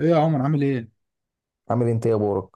ايه يا عمر، عامل ايه؟ عامل انت ايه يا بورك؟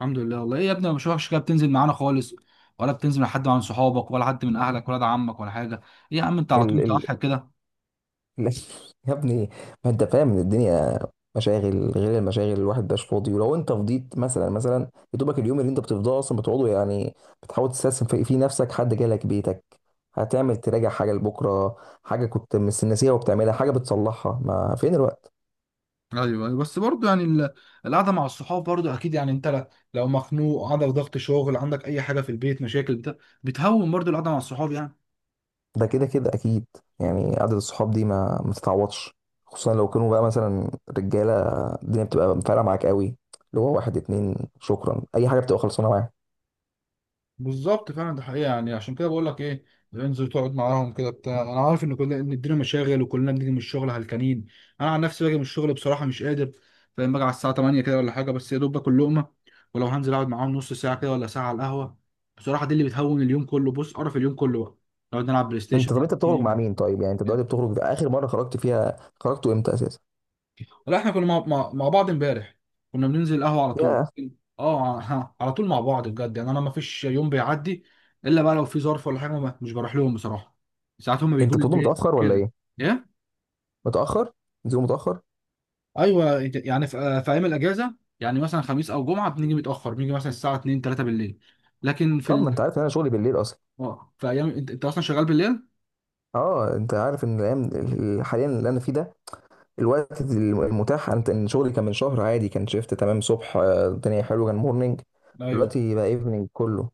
الحمد لله، والله ايه يا ابني، مش وحش كده. بتنزل معانا خالص ولا بتنزل مع حد من صحابك، ولا حد من اهلك، ولا ده عمك، ولا حاجه؟ ايه يا عم، انت على طول ال ال متوحد كده. ال- يا ابني، ما انت فاهم ان الدنيا مشاغل غير المشاغل، الواحد مبقاش فاضي. ولو انت فضيت مثلا، يا دوبك اليوم اللي انت بتفضاه اصلا بتقعده، يعني بتحاول تستثمر في نفسك. حد جالك بيتك، هتعمل تراجع حاجه لبكره، حاجه كنت ناسيها وبتعملها، حاجه بتصلحها، ما فين الوقت؟ ايوه ايوه، بس برضه يعني القعده مع الصحاب برضه اكيد. يعني انت لو مخنوق، عندك ضغط شغل، عندك اي حاجه في البيت، مشاكل بتاع، بتهون برضه القعده مع الصحاب يعني. ده كده كده اكيد. يعني قعده الصحاب دي ما تتعوضش، خصوصا لو كانوا بقى مثلا رجاله، الدنيا بتبقى فارقه معاك قوي. اللي هو واحد اتنين شكرا، اي حاجه بتبقى خلصانه معاك. بالظبط فعلا، ده حقيقة. يعني عشان كده بقول لك ايه، انزل تقعد معاهم كده بتاع. انا عارف ان كلنا، ان الدنيا مشاغل، وكلنا بنيجي من الشغل هلكانين. انا عن نفسي باجي من الشغل بصراحة مش قادر، فاهم؟ باجي على الساعة 8 كده ولا حاجة، بس يا دوب باكل لقمة. ولو هنزل اقعد معاهم نص ساعة كده ولا ساعة على القهوة، بصراحة دي اللي بتهون اليوم كله. بص، قرف اليوم كله بقى، نقعد نلعب بلاي ستيشن، طب انت بتخرج مع نلعب مين طيب؟ يعني انت دلوقتي جيم. بتخرج؟ في اخر مره خرجت فيها، خرجتوا امتى اساسا؟ لا احنا كنا مع بعض امبارح، كنا بننزل القهوة على طول. يا اه ها، على طول مع بعض بجد. يعني انا ما فيش يوم بيعدي الا بقى لو في ظرف ولا حاجة، مش بروح لهم بصراحة. ساعات هم بيجوا انت لي بتقول البيت متاخر ولا كده. ايه؟ ايه. متاخر؟ بتقول متاخر؟ ايوه يعني في ايام الاجازة، يعني مثلا خميس او جمعة بنيجي متأخر، بنيجي مثلا الساعة 2 3 بالليل. لكن في طب ما انت عارف ان انا شغلي بالليل اصلا. اه في ايام انت اصلا شغال بالليل. اه، انت عارف ان الايام حاليا اللي انا فيه ده، الوقت المتاح، انت ان شغلي كان من شهر عادي كان شيفت تمام صبح، الدنيا حلوه، كان مورنينج. ايوه. دلوقتي بقى ايفنينج كله.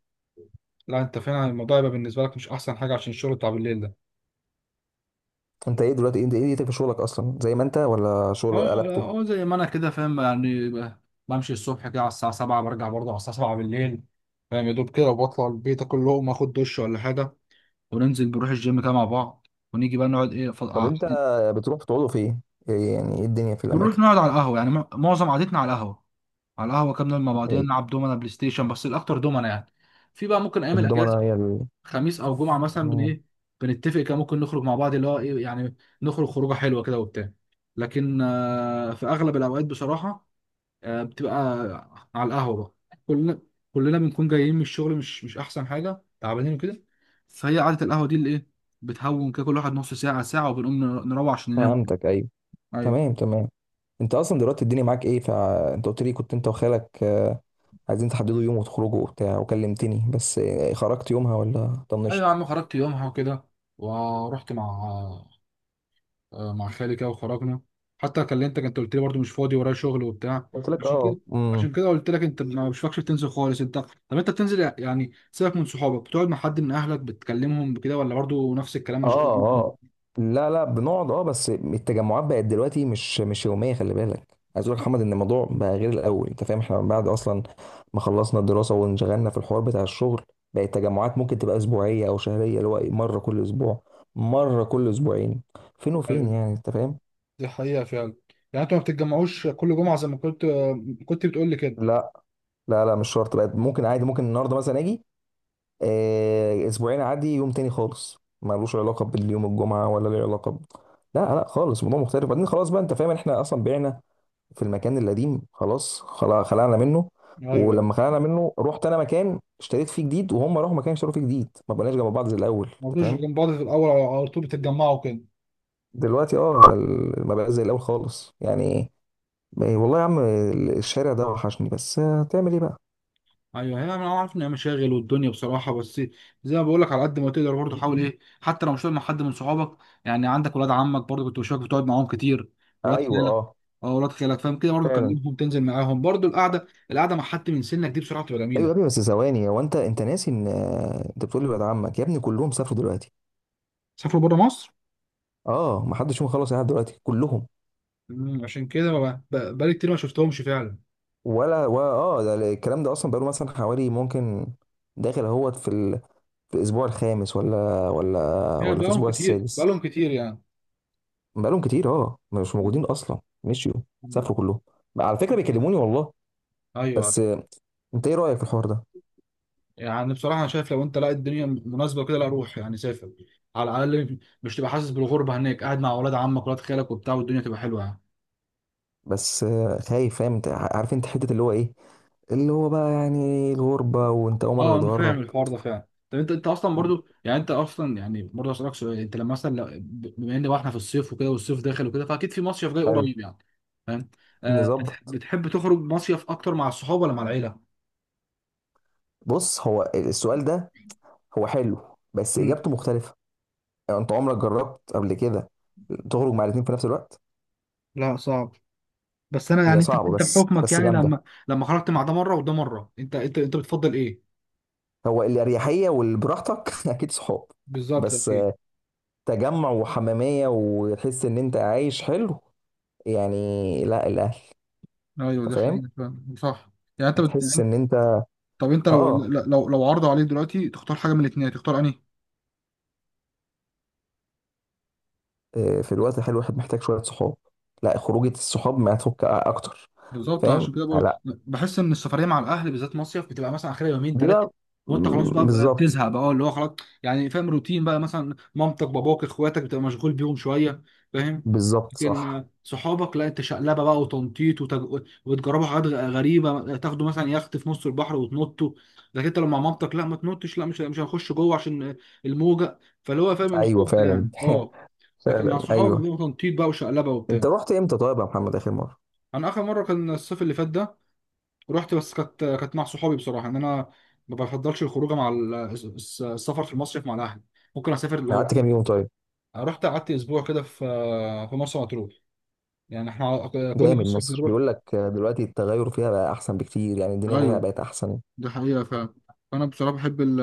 لا انت فعلا الموضوع يبقى بالنسبة لك مش احسن حاجة عشان الشغل بتاع بالليل ده. انت ايه دلوقتي؟ انت ايه دنيتك في شغلك اصلا؟ زي ما انت، ولا شغل هو قلبته؟ هو زي ما انا كده فاهم، يعني بمشي الصبح كده على الساعة 7، برجع برضه على الساعة 7 بالليل. فاهم؟ يا دوب كده، وبطلع البيت اكل لقمة اخد دش ولا حاجة، وننزل نروح الجيم كده مع بعض، ونيجي بقى نقعد ايه ف... طب آه، انت بتروح بتقعدوا فين؟ إيه يعني ايه الدنيا في بنروح الاماكن؟ نقعد على القهوة. يعني معظم قعدتنا على القهوة. على القهوة كده بنقعد مع بعضينا، نلعب دومنا بلاي ستيشن، بس الأكتر دومنا يعني. في بقى ممكن أيام الأجازة، الضمنه هي خميس أو جمعة مثلا بن ال... ايه بنتفق كده ممكن نخرج مع بعض، اللي هو ايه يعني، نخرج خروجة حلوة كده وبتاع. لكن في أغلب الأوقات بصراحة، بتبقى على القهوة بقى. كلنا بنكون جايين من الشغل، مش أحسن حاجة، تعبانين وكده. فهي قعدة القهوة دي اللي إيه، بتهون كده كل واحد نص ساعة ساعة، وبنقوم نروح عشان ننام. فهمتك، ايوه. أيوة. تمام، تمام. انت اصلا دلوقتي الدنيا معاك ايه؟ فانت قلت لي كنت انت وخالك، عايزين تحددوا يوم وتخرجوا وبتاع، وكلمتني. بس خرجت يومها ولا أيوة يا طنشت؟ عم، خرجت يومها وكده، ورحت مع مع خالي كده وخرجنا. حتى كلمتك أنت قلت لي برضه مش فاضي ورايا شغل وبتاع. قلت لك عشان اه، كده امم. عشان كده قلت لك انت ما مش فاكش بتنزل خالص. طب انت بتنزل يعني، سيبك من صحابك، بتقعد مع حد من اهلك، بتكلمهم بكده، ولا برضه نفس الكلام اه مشغول؟ اه. لا، لا، بنقعد، اه، بس التجمعات بقت دلوقتي مش يوميه. خلي بالك، عايز اقول لك يا محمد ان الموضوع بقى غير الاول، انت فاهم؟ احنا من بعد اصلا ما خلصنا الدراسه وانشغلنا في الحوار بتاع الشغل، بقت التجمعات ممكن تبقى اسبوعيه او شهريه، اللي هو مره كل اسبوع، مره كل اسبوعين، فين وفين، يعني انت فاهم؟ دي حقيقة فعلا. يعني انتوا ما بتتجمعوش كل جمعة زي ما كنت بتقول لي كده. لا، لا، لا، مش شرط بقى، ممكن عادي، ممكن النهارده مثلا اجي، اسبوعين عادي، يوم تاني خالص ملوش علاقه باليوم الجمعه، ولا له علاقه ب... لا، لا خالص، الموضوع مختلف. بعدين خلاص بقى، انت فاهم، احنا اصلا بعنا في المكان القديم، خلاص خلعنا منه. ايوه ولما ايوه، خلعنا منه، رحت انا مكان اشتريت فيه جديد، وهم راحوا مكان اشتروا فيه جديد، ما بقناش جنب بعض زي الاول، ما انت بتجوش فاهم؟ جنب بعض في الاول، على طول بتتجمعوا كده. دلوقتي اه، ما بقاش زي الاول خالص يعني. والله يا عم، الشارع ده وحشني، بس هتعمل ايه بقى. ايوه هي، انا عارف ان هي مشاغل والدنيا بصراحه، بس زي ما بقول لك، على قد ما تقدر برضه حاول ايه، حتى لو مش قاعد مع حد من صحابك. يعني عندك ولاد عمك برضه كنت بشوفك بتقعد معاهم كتير، ولاد ايوه، خالك. اه، اه ولاد خالك فاهم كده، برضه فعلا. كلمهم، تنزل معاهم برضه. القعده مع حد من سنك دي بصراحه بتبقى ايوه يا ابني، جميله. بس ثواني، هو انت ناسي ان انت بتقول لي ولاد عمك يا ابني كلهم سافروا دلوقتي. سافروا بره مصر. اه، ما حدش فيهم خلص قاعد دلوقتي، كلهم. مم، عشان كده بقالي كتير ما شفتهمش فعلا. ولا اه، ده الكلام ده اصلا بقاله مثلا حوالي، ممكن داخل اهوت في ال... في الاسبوع الخامس، ولا ولا، يعني ولا في الاسبوع السادس؟ بقالهم كتير يعني. بقالهم كتير، اه، مش موجودين اصلا، مشيوا، مم. سافروا كلهم. على فكره بيكلموني والله. ايوه أيوة. بس انت ايه رايك في الحوار ده؟ يعني بصراحه، انا شايف لو انت، لا الدنيا مناسبه كده، لا روح يعني سافر. على الاقل مش تبقى حاسس بالغربه هناك، قاعد مع اولاد عمك ولاد خالك وبتاع، والدنيا تبقى حلوه يعني. بس خايف، فاهم؟ انت عارف، انت حته اللي هو ايه، اللي هو بقى يعني الغربه، وانت اول مره اه انا فاهم تتغرب. الحوار ده فعلا. طب انت اصلا برضو، يعني انت اصلا يعني برضه اسالك سؤال. انت لما مثلا بما ان بقى احنا في الصيف وكده، والصيف داخل وكده، فاكيد في مصيف جاي حلو، قريب يعني، فاهم؟ آه نظبط. بتحب تخرج مصيف اكتر مع الصحاب ولا مع العيله؟ بص، هو السؤال ده هو حلو، بس مم. اجابته مختلفه. يعني انت عمرك جربت قبل كده تخرج مع الاثنين في نفس الوقت؟ لا صعب. بس انا هي يعني انت صعبه، انت بس بحكمك، بس يعني جامده. لما خرجت مع ده مره وده مره، انت بتفضل ايه؟ هو الاريحيه والبراحتك اكيد صحاب. بالظبط بس اكيد. تجمع وحماميه، وتحس ان انت عايش حلو يعني، لا الاهل. ايوه انت ده فاهم؟ حقيقي فعلا، صح. يعني انت تحس ان انت، طب انت لو اه، لو لو عرضوا عليك دلوقتي تختار حاجه من الاثنين، تختار انهي؟ في الوقت الحلو الواحد محتاج شويه صحاب، لا خروجه الصحاب ما تفك اكتر. بالظبط. فاهم؟ عشان كده بقولك، لا، بحس ان السفريه مع الاهل بالذات مصيف بتبقى مثلا اخرها يومين ده ثلاثه، وانت خلاص بقى بالظبط. بتزهق بقى، اه اللي هو خلاص. يعني فاهم، روتين بقى، مثلا مامتك باباك اخواتك بتبقى مشغول بيهم شويه فاهم. بالظبط، صح. لكن صحابك لا، انت شقلبه بقى وتنطيط وتجربوا حاجات غريبه، تاخدوا مثلا يخت في نص البحر وتنطوا. لكن انت لو مع مامتك لا، ما تنطش، لا مش هنخش جوه عشان الموجه، فاللي هو فاهم ايوه، الخوف ده فعلا يعني اه. لكن مع فعلا، صحابك ايوه. بيبقى تنطيط بقى وشقلبه وبتاع. انت رحت امتى طيب يا محمد اخر مره؟ انا اخر مره كان الصيف اللي فات ده، رحت، بس كانت مع صحابي. بصراحه ان انا ما بفضلش الخروج مع السفر في المصيف مع الاهل. ممكن اسافر يعني لو، قعدت كام يوم طيب؟ رحت قعدت اسبوع كده في مرسى مطروح، يعني احنا كل جامد، مصيف مصر بنروح. بيقول لك، دلوقتي التغير فيها بقى احسن بكتير، يعني الدنيا فيها ايوه بقت احسن. دي حقيقة فعلا. فانا بصراحة بحب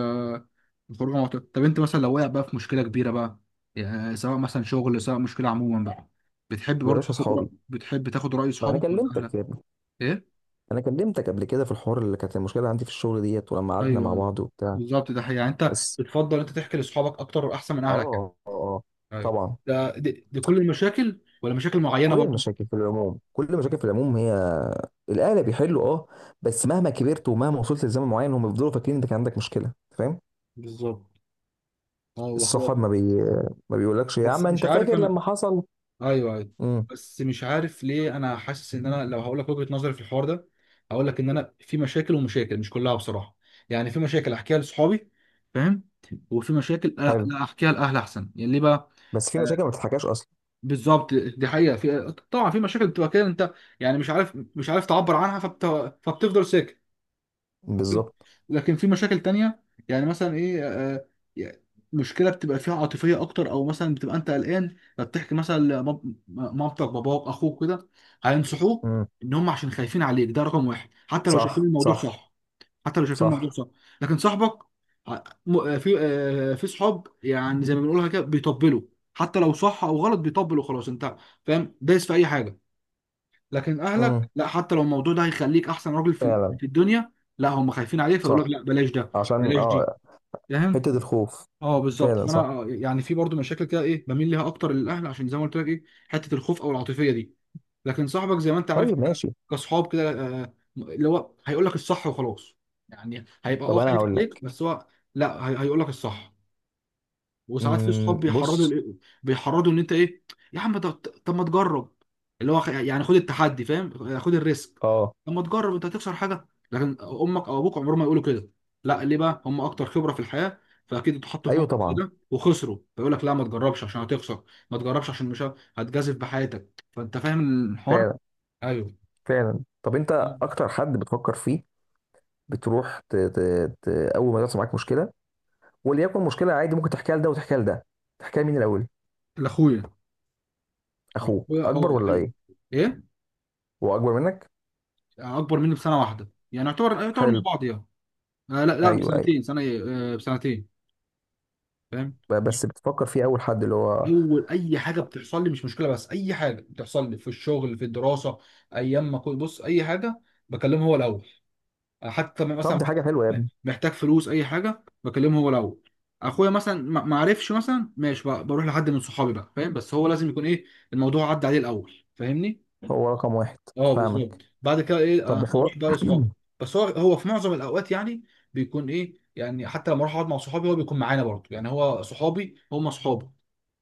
الخروج مع بعض. طب انت مثلا لو وقع بقى في مشكلة كبيرة بقى، يعني سواء مثلا شغل، سواء مشكلة عموما بقى، يا باشا، اصحابي. بتحب تاخد رأي ما انا صحابك ولا اهلك؟ كلمتك يا ابني، ايه. انا كلمتك قبل كده في الحوار اللي كانت المشكله عندي في الشغل ديت، ولما قعدنا ايوه مع ايوه بعض وبتاع. بالظبط، ده حقيقة. يعني انت بس بتفضل انت تحكي لاصحابك اكتر احسن من اه، اهلك يعني. اه، ايوه طبعا. ده دي كل المشاكل ولا مشاكل معينه كل برضو؟ المشاكل في العموم، كل المشاكل في العموم، هي الاهل بيحلوا، اه، بس مهما كبرت ومهما وصلت لزمن معين، هم بيفضلوا فاكرين انك عندك مشكله، فاهم؟ بالظبط. اه والله هو، الصحاب ما بيقولكش يا بس عم مش انت عارف فاكر انا. لما حصل. ايوه ايوه، امم. بس مش عارف ليه، انا حاسس ان انا لو هقول لك وجهه نظري في الحوار ده، هقول لك ان انا في مشاكل ومشاكل، مش كلها بصراحه. يعني في مشاكل احكيها لاصحابي فاهم، وفي مشاكل حلو، لا احكيها لاهل احسن. يعني ليه بقى؟ بس في مشاكل ما بتتحكاش اصلا. بالظبط دي حقيقه. في طبعا في مشاكل بتبقى كده انت، يعني مش عارف تعبر عنها، فبتفضل ساكت. بالظبط. لكن في مشاكل تانية، يعني مثلا ايه، آه، يعني مشكلة بتبقى فيها عاطفية أكتر، أو مثلا بتبقى أنت قلقان فبتحكي مثلا مامتك باباك أخوك كده، هينصحوك امم. إن هم عشان خايفين عليك، ده رقم واحد، حتى لو شايفين صح، الموضوع صح. صح. حتى لو شايفين الموضوع صح. صح. لكن صاحبك، في صحاب يعني زي ما بنقولها كده بيطبلوا. حتى لو صح أو غلط بيطبلوا خلاص. أنت فاهم، دايس في أي حاجة. لكن اهلك امم، لا، حتى لو الموضوع ده هيخليك احسن راجل في فعلا. في الدنيا، لا هم خايفين عليه فيقول لك صح، لا بلاش ده، عشان بلاش دي فاهم. حته الخوف. اه بالظبط. فعلا، فانا صح. يعني في برضو مشاكل كده ايه، بميل ليها اكتر للاهل، عشان زي ما قلت لك ايه، حته الخوف او العاطفيه دي. لكن صاحبك زي ما انت عارف، طيب، إحنا ماشي. كصحاب كده، اللي هو هيقول لك الصح وخلاص. يعني هيبقى طب اه انا خايف هقول لك. عليك بس هو لا، هيقول لك الصح. وساعات في صحاب بيحرضوا بص. لإيه؟ بيحرضوا ان انت ايه، يا عم طب، طب ما تجرب، اللي هو يعني خد التحدي فاهم، خد الريسك. اه. طب ما تجرب انت هتخسر حاجه؟ لكن امك او ابوك عمرهم ما يقولوا كده. لا ليه بقى، هم اكتر خبره في الحياه، فاكيد اتحطوا في ايوه، موقف زي طبعا. ده وخسروا، فيقول لك لا ما تجربش عشان هتخسر، ما تجربش عشان مش هتجازف بحياتك، فانت فاهم الحوار. فعلا، ايوه. فعلا. طب انت، اكتر حد بتفكر فيه، بتروح اول ما يحصل معاك مشكله، وليكن مشكله عادي ممكن تحكيها لده وتحكيها لده، تحكيها لمين الاول؟ لاخويا. اخوك اخويا اكبر اه ولا ايوه. ايه؟ ايه. هو اكبر منك؟ اكبر مني بسنه واحده، يعني يعتبر مع حلو. بعض يعني. آه لا لا ايوه، ايوه. بسنتين، سنه ايه، آه بسنتين فاهم. بس بتفكر فيه اول حد، اللي هو. اول اي حاجه بتحصل لي، مش مشكله، بس اي حاجه بتحصل لي في الشغل في الدراسه، ايام ما كنت، بص اي حاجه بكلمه هو الاول. حتى لما طب مثلا دي حاجه حلوه يا ابني. محتاج فلوس اي حاجه بكلمه هو الاول. اخويا مثلا ما عرفش مثلا، ماشي بقى بروح لحد من صحابي بقى فاهم. بس هو لازم يكون ايه، الموضوع عدى عليه الاول فاهمني؟ هو رقم واحد. اه بالظبط. فاهمك. بعد كده ايه طب هو اروح بقى لاصحابي. بس هو في معظم الاوقات يعني بيكون ايه يعني، حتى لما اروح اقعد مع صحابي هو بيكون معانا برضه، يعني هو صحابي هم صحابه،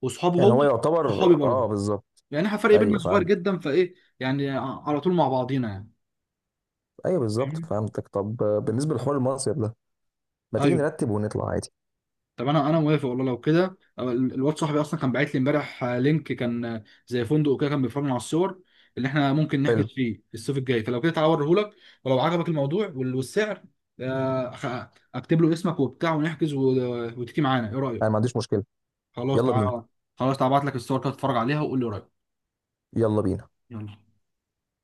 وصحابه يعني هو هو صحابي يعتبر، اه، برضه. بالظبط. يعني احنا فرق ايوه، بيننا صغير فهمت. جدا، فايه يعني على طول مع بعضينا يعني، ايوه، بالظبط، فاهمني؟ فهمتك. طب بالنسبه لحوار المصيف ده، ما تيجي ايوه. نرتب ونطلع عادي. طب انا موافق والله لو كده. أو الواد صاحبي اصلا كان باعت لي امبارح لينك، كان زي فندق كده، كان بيفرجنا على الصور اللي احنا ممكن نحجز حلو. فيه الصيف الجاي. فلو كده تعالى اوريهولك، ولو عجبك الموضوع والسعر، آه، خ- اكتب له اسمك وبتاع ونحجز وتيجي معانا، ايه انا ما رايك؟ عنديش مشكله. خلاص يلا بينا. تعالى. خلاص تعالى ابعت لك الصور كده تتفرج عليها وقول لي رايك. يلا بينا. يلا